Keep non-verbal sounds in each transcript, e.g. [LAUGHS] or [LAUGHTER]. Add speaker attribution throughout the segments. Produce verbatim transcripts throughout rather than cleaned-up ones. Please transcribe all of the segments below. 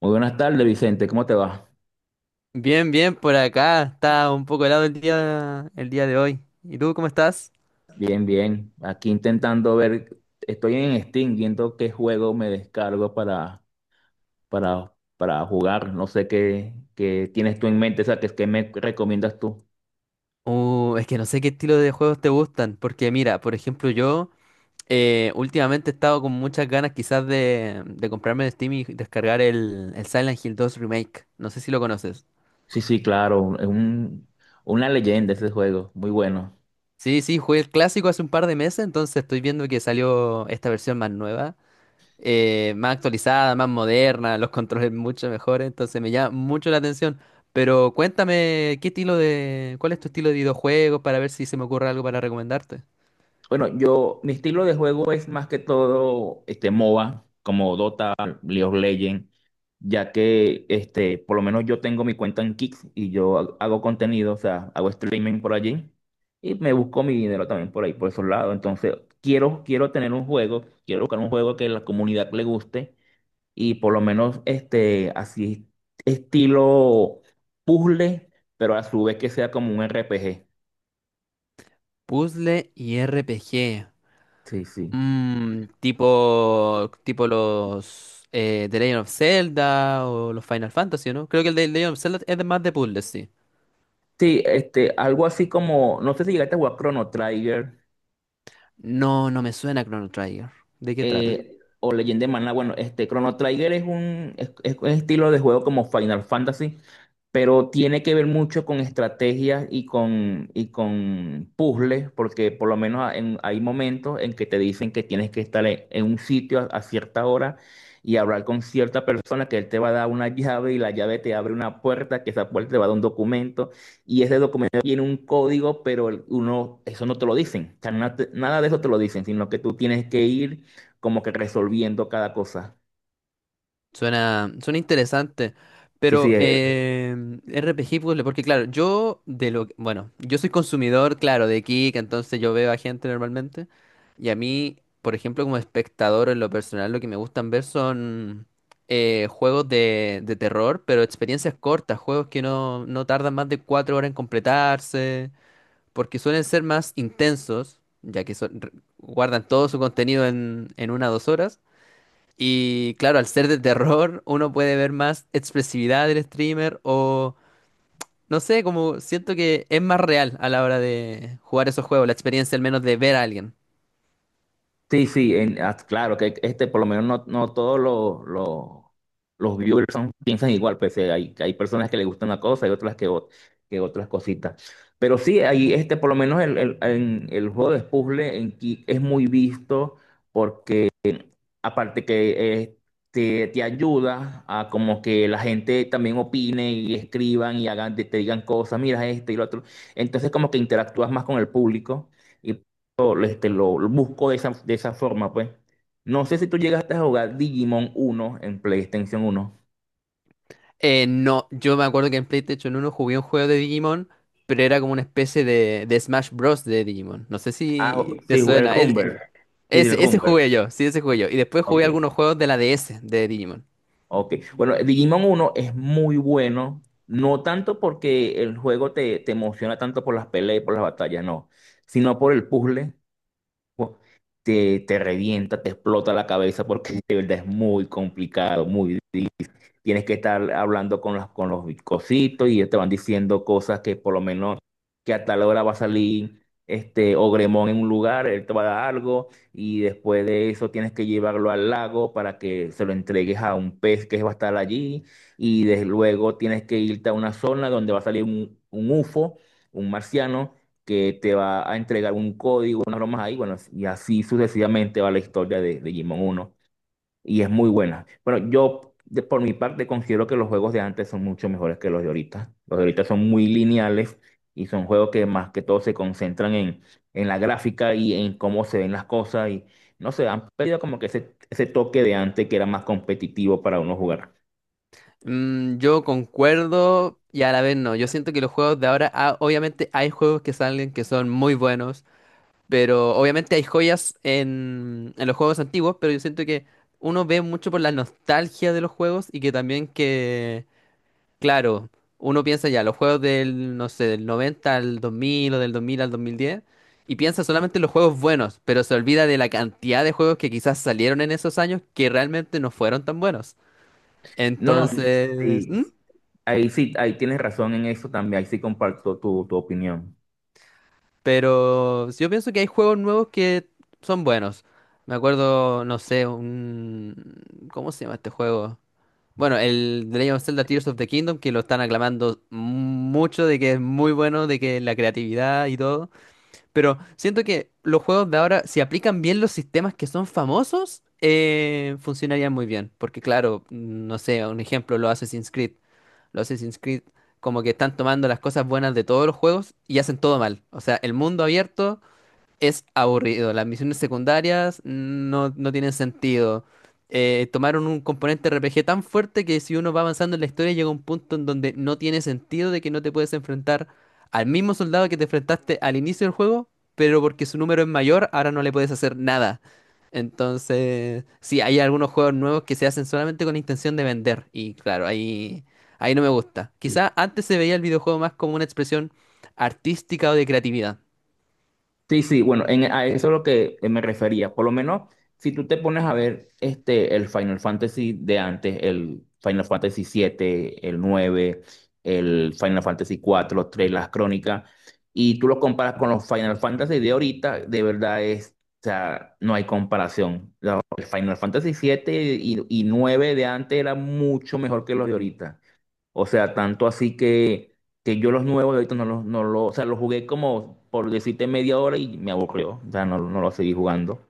Speaker 1: Muy buenas tardes, Vicente. ¿Cómo te va?
Speaker 2: Bien, bien, por acá. Está un poco helado el día, el día de hoy. ¿Y tú cómo estás?
Speaker 1: Bien, bien. Aquí intentando ver, estoy en Steam viendo qué juego me descargo para, para, para jugar. No sé qué, qué tienes tú en mente, o sea, qué, qué me recomiendas tú.
Speaker 2: Uh, es que no sé qué estilo de juegos te gustan, porque mira, por ejemplo, yo eh, últimamente he estado con muchas ganas quizás de, de comprarme de Steam y descargar el, el Silent Hill dos Remake. No sé si lo conoces.
Speaker 1: Sí, sí, claro. Es un, una leyenda ese juego. Muy bueno.
Speaker 2: Sí, sí, jugué el clásico hace un par de meses, entonces estoy viendo que salió esta versión más nueva, eh, más actualizada, más moderna, los controles mucho mejores, entonces me llama mucho la atención. Pero cuéntame, ¿qué estilo de, cuál es tu estilo de videojuegos para ver si se me ocurre algo para recomendarte?
Speaker 1: Bueno, yo, mi estilo de juego es más que todo este M O B A, como Dota, League of Legends, ya que este, por lo menos yo tengo mi cuenta en Kick y yo ha- hago contenido, o sea, hago streaming por allí y me busco mi dinero también por ahí, por esos lados. Entonces, quiero, quiero tener un juego, quiero buscar un juego que la comunidad le guste y por lo menos este, así estilo puzzle, pero a su vez que sea como un R P G.
Speaker 2: Puzzle y R P G.
Speaker 1: Sí, sí.
Speaker 2: Mm, tipo, tipo los eh, The Legend of Zelda o los Final Fantasy, ¿no? Creo que el de The Legend of Zelda es de más de puzzles, sí.
Speaker 1: Sí, este, algo así como, no sé si llegaste a jugar Chrono Trigger.
Speaker 2: No, no me suena Chrono Trigger. ¿De qué trata?
Speaker 1: eh, o Legend de maná. Bueno, este Chrono Trigger es un, es- es un estilo de juego como Final Fantasy, pero tiene que ver mucho con estrategias y con, y con puzzles, porque por lo menos en- hay momentos en que te dicen que tienes que estar en, en un sitio a, a cierta hora y hablar con cierta persona que él te va a dar una llave y la llave te abre una puerta, que esa puerta te va a dar un documento y ese documento tiene un código, pero el- uno, eso no te lo dicen. O sea, na- nada de eso te lo dicen, sino que tú tienes que ir como que resolviendo cada cosa.
Speaker 2: Suena, suena interesante,
Speaker 1: Sí,
Speaker 2: pero
Speaker 1: sí, eh,
Speaker 2: eh, R P G puzzle, porque claro, yo de lo, que- bueno, yo soy consumidor, claro, de Kik, entonces yo veo a gente normalmente. Y a mí, por ejemplo, como espectador en lo personal, lo que me gustan ver son eh, juegos de, de terror, pero experiencias cortas, juegos que no, no tardan más de cuatro horas en completarse, porque suelen ser más intensos, ya que son- guardan todo su contenido en, en una o dos horas. Y claro, al ser de terror, uno puede ver más expresividad del streamer o no sé, como siento que es más real a la hora de jugar esos juegos, la experiencia al menos de ver a alguien.
Speaker 1: sí, sí, en- ah, claro que este, por lo menos no, no todos los, los, los viewers son- piensan igual, pues eh, hay, hay personas que les gusta una cosa y otras que, ot- que otras cositas. Pero sí, ahí este, por lo menos el, el, en- el juego de puzzle en Ki- es muy visto. Aparte que eh, te, te ayuda a como que la gente también opine y escriban y hagan, te, te digan cosas, mira este y lo otro. Entonces como que interactúas más con el público y lo, este, lo, lo busco de esa, de esa forma, pues. No sé si tú llegaste a jugar Digimon uno en PlayStation uno.
Speaker 2: Eh, no, yo me acuerdo que en PlayStation uno jugué un juego de Digimon, pero era como una especie de, de Smash Bros. De Digimon. No sé
Speaker 1: Ah,
Speaker 2: si te
Speaker 1: sí, el
Speaker 2: suena. Es- eh,
Speaker 1: Rumble. Sí, el
Speaker 2: ese, ese
Speaker 1: Rumble.
Speaker 2: jugué yo, sí, ese jugué yo. Y después
Speaker 1: Ok.
Speaker 2: jugué algunos juegos de la D S de Digimon.
Speaker 1: Ok, bueno, Digimon uno es muy bueno, no tanto porque el juego te, te emociona tanto por las peleas y por las batallas, no, sino por el puzzle, pu- te, te revienta, te explota la cabeza porque [LAUGHS] de verdad es muy complicado, muy. Tienes que estar hablando con los, con los cositos y ellos te van diciendo cosas que por lo menos que a tal hora va a salir este Ogremón en un lugar, él te va a dar algo y después de eso tienes que llevarlo al lago para que se lo entregues a un pez que va a estar allí y desde luego tienes que irte a una zona donde va a salir un, un U F O, un marciano que te va a entregar un código, unas bromas ahí, bueno, y así sucesivamente va la historia de, de Digimon uno y es muy buena. Bueno, yo de- por mi parte considero que los juegos de antes son mucho mejores que los de ahorita. Los de ahorita son muy lineales y son juegos que más que todo se concentran en, en la gráfica y en cómo se ven las cosas y no sé, han perdido como que ese, ese toque de antes que era más competitivo para uno jugar.
Speaker 2: Mm, yo concuerdo y a la vez no. Yo siento que los juegos de ahora, ah, obviamente hay juegos que salen que son muy buenos, pero obviamente hay joyas en, en los juegos antiguos, pero yo siento que uno ve mucho por la nostalgia de los juegos y que también que, claro, uno piensa ya, los juegos del, no sé, del noventa al dos mil o del dos mil al dos mil diez y piensa solamente en los juegos buenos, pero se olvida de la cantidad de juegos que quizás salieron en esos años que realmente no fueron tan buenos.
Speaker 1: No, no,
Speaker 2: Entonces...
Speaker 1: sí,
Speaker 2: ¿Mm?
Speaker 1: ahí sí, ahí tienes razón en eso también, ahí sí comparto tu, tu opinión.
Speaker 2: Pero yo pienso que hay juegos nuevos que son buenos. Me acuerdo, no sé, un... ¿Cómo se llama este juego? Bueno, el The Legend of Zelda Tears of the Kingdom, que lo están aclamando mucho de que es muy bueno, de que la creatividad y todo. Pero siento que los juegos de ahora, si aplican bien los sistemas que son famosos, eh, funcionarían muy bien. Porque claro, no sé, un ejemplo, los Assassin's Creed. Los Assassin's Creed como que están tomando las cosas buenas de todos los juegos y hacen todo mal. O sea, el mundo abierto, es aburrido. Las misiones secundarias no, no tienen sentido. Eh, tomaron un componente R P G tan fuerte que si uno va avanzando en la historia llega un punto en donde no tiene sentido de que no te puedes enfrentar al mismo soldado que te enfrentaste al inicio del juego, pero porque su número es mayor, ahora no le puedes hacer nada. Entonces, sí, hay algunos juegos nuevos que se hacen solamente con la intención de vender. Y claro, ahí, ahí no me gusta. Quizá antes se veía el videojuego más como una expresión artística o de creatividad.
Speaker 1: Sí, sí, bueno, en, a eso es lo que eh, me refería. Por lo menos, si tú te pones a ver este, el Final Fantasy de antes, el Final Fantasy siete, el nueve, el Final Fantasy cuatro, los tres las crónicas, y tú lo comparas con los Final Fantasy de ahorita, de verdad es, o sea, no hay comparación. La- El Final Fantasy siete y, y nueve de antes era mucho mejor que los de ahorita. O sea, tanto así que, que yo los nuevos de ahorita no los, no los, o sea, los jugué como por decirte media hora y me aburrió. O sea, no, no los seguí jugando.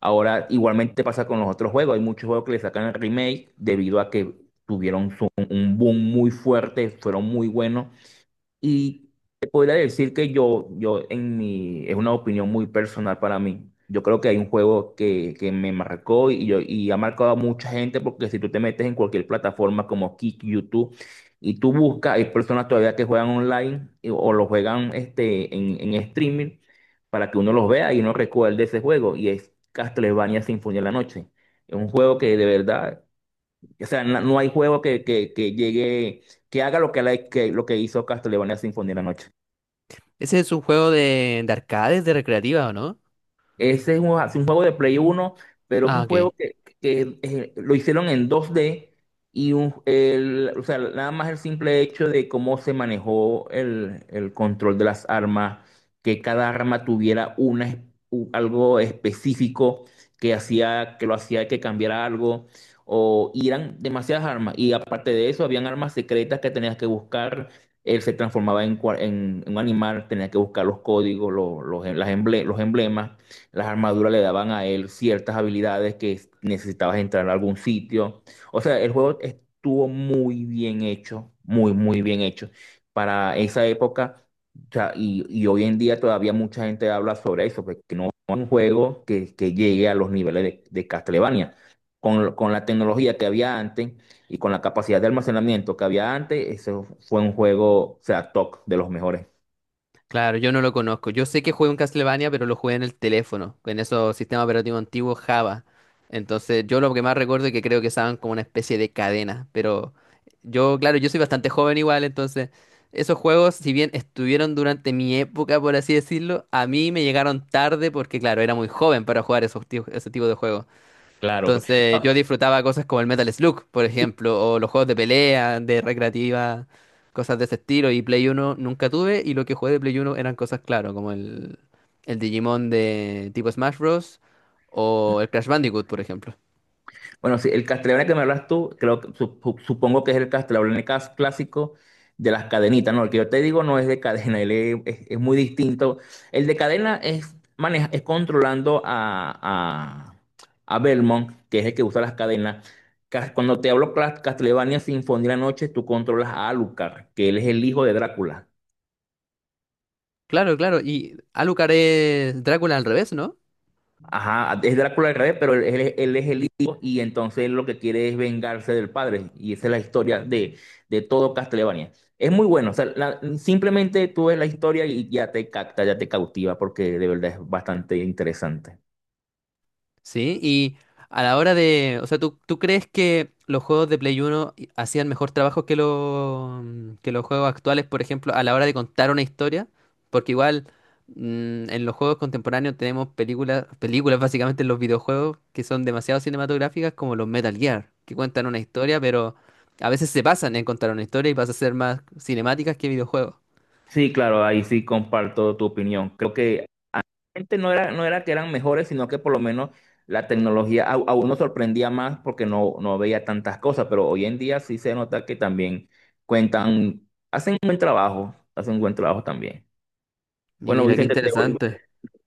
Speaker 1: Ahora, igualmente pasa con los otros juegos. Hay muchos juegos que le sacan el remake debido a que tuvieron su- un boom muy fuerte, fueron muy buenos y te podría decir que yo, yo en mi, es una opinión muy personal para mí. Yo creo que hay un juego que, que me marcó y, yo, y ha marcado a mucha gente porque si tú te metes en cualquier plataforma como Kick, YouTube, y tú buscas, hay personas todavía que juegan online y- o lo juegan este, en, en streaming para que uno los vea y uno recuerde ese juego. Y es Castlevania Sinfonía de la Noche. Es un juego que de verdad, o sea, no, no hay juego que, que, que llegue, que haga lo que, la- que- lo que hizo Castlevania Sinfonía de la noche.
Speaker 2: Ese es un juego de, de, arcades, de recreativa, ¿o no?
Speaker 1: Ese es un, es un juego de Play uno, pero es
Speaker 2: Ah,
Speaker 1: un juego
Speaker 2: ok.
Speaker 1: que, que, eh, lo hicieron en dos d y un- el- o sea, nada más el simple hecho de cómo se manejó el, el control de las armas, que cada arma tuviera una, es- u- algo específico que hacía, que lo hacía que cambiara algo, o y eran demasiadas armas. Y aparte de eso, habían armas secretas que tenías que buscar. Él se transformaba en, cua- en- en un animal, tenía que buscar los códigos, los, los, las emble- los emblemas. Las armaduras le daban a él ciertas habilidades que es- necesitabas entrar a algún sitio. O sea, el juego estuvo muy bien hecho, muy, muy bien hecho. Para esa época, o sea, y, y hoy en día todavía mucha gente habla sobre eso, porque no es un juego que, que llegue a los niveles de, de Castlevania. Con, con la tecnología que había antes y con la capacidad de almacenamiento que había antes, ese fue un juego, o sea, top de los mejores.
Speaker 2: Claro, yo no lo conozco. Yo sé que jugué un Castlevania, pero lo jugué en el teléfono, en esos sistemas operativos antiguos Java. Entonces, yo lo que más recuerdo es que creo que estaban como una especie de cadena. Pero yo, claro, yo soy bastante joven igual, entonces esos juegos, si bien estuvieron durante mi época, por así decirlo, a mí me llegaron tarde porque, claro, era muy joven para jugar esos, ti- ese tipo de juegos.
Speaker 1: Claro.
Speaker 2: Entonces yo disfrutaba cosas como el Metal Slug, por ejemplo, o los juegos de pelea, de recreativa, cosas de ese estilo. Y Play Uno nunca tuve y lo que jugué de Play Uno eran cosas, claro, como el, el Digimon de tipo Smash Bros. O el Crash Bandicoot, por ejemplo.
Speaker 1: Bueno, sí, el castellano que me hablas tú, creo, que- sup- supongo que es el castellano clásico de las cadenitas, ¿no? El que yo te digo no es de cadena, él es, es- es muy distinto. El de cadena es, maneja, es controlando a, a, a Belmont, que es el que usa las cadenas. Ca- Cuando te hablo cla- Castlevania Sinfonía de la Noche, tú controlas a Alucard, que él es el hijo de Drácula.
Speaker 2: Claro, claro. Y Alucard es Drácula al revés, ¿no?
Speaker 1: Ajá, es Drácula al revés, pero él, él- él es el hijo y entonces él lo que quiere es vengarse del padre. Y esa es la historia de, de todo Castlevania. Es muy bueno, o sea, la- simplemente tú ves la historia y ya te capta, ya te cautiva, porque de verdad es bastante interesante.
Speaker 2: Sí, y a la hora de, o sea, ¿tú, tú crees que los juegos de Play uno i- hacían mejor trabajo que, lo- mm, que los juegos actuales, por ejemplo, a la hora de contar una historia? Porque igual mm, en los juegos contemporáneos tenemos películas, películas básicamente en los videojuegos que son demasiado cinematográficas como los Metal Gear, que cuentan una historia, pero a veces se pasan en contar una historia y pasa a ser más cinemáticas que videojuegos.
Speaker 1: Sí, claro, ahí sí comparto tu opinión. Creo que realmente no era, no era que eran mejores, sino que por lo menos la tecnología a, a uno sorprendía más porque no, no veía tantas cosas, pero hoy en día sí se nota que también cuentan, hacen un buen trabajo, hacen un buen trabajo también. Bueno,
Speaker 2: Mira, qué
Speaker 1: Vicente, te voy-
Speaker 2: interesante.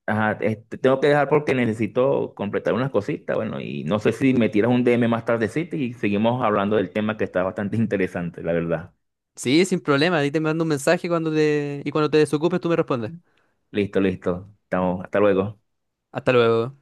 Speaker 1: ajá, este, tengo que dejar porque necesito completar unas cositas, bueno, y no sé si me tiras un D M más tardecito y seguimos hablando del tema que está bastante [LAUGHS] interesante, la verdad.
Speaker 2: Sí, sin problema, ahí te mando un mensaje cuando te... y cuando te desocupes tú me respondes.
Speaker 1: Listo, listo. Estamos, hasta luego.
Speaker 2: Hasta luego.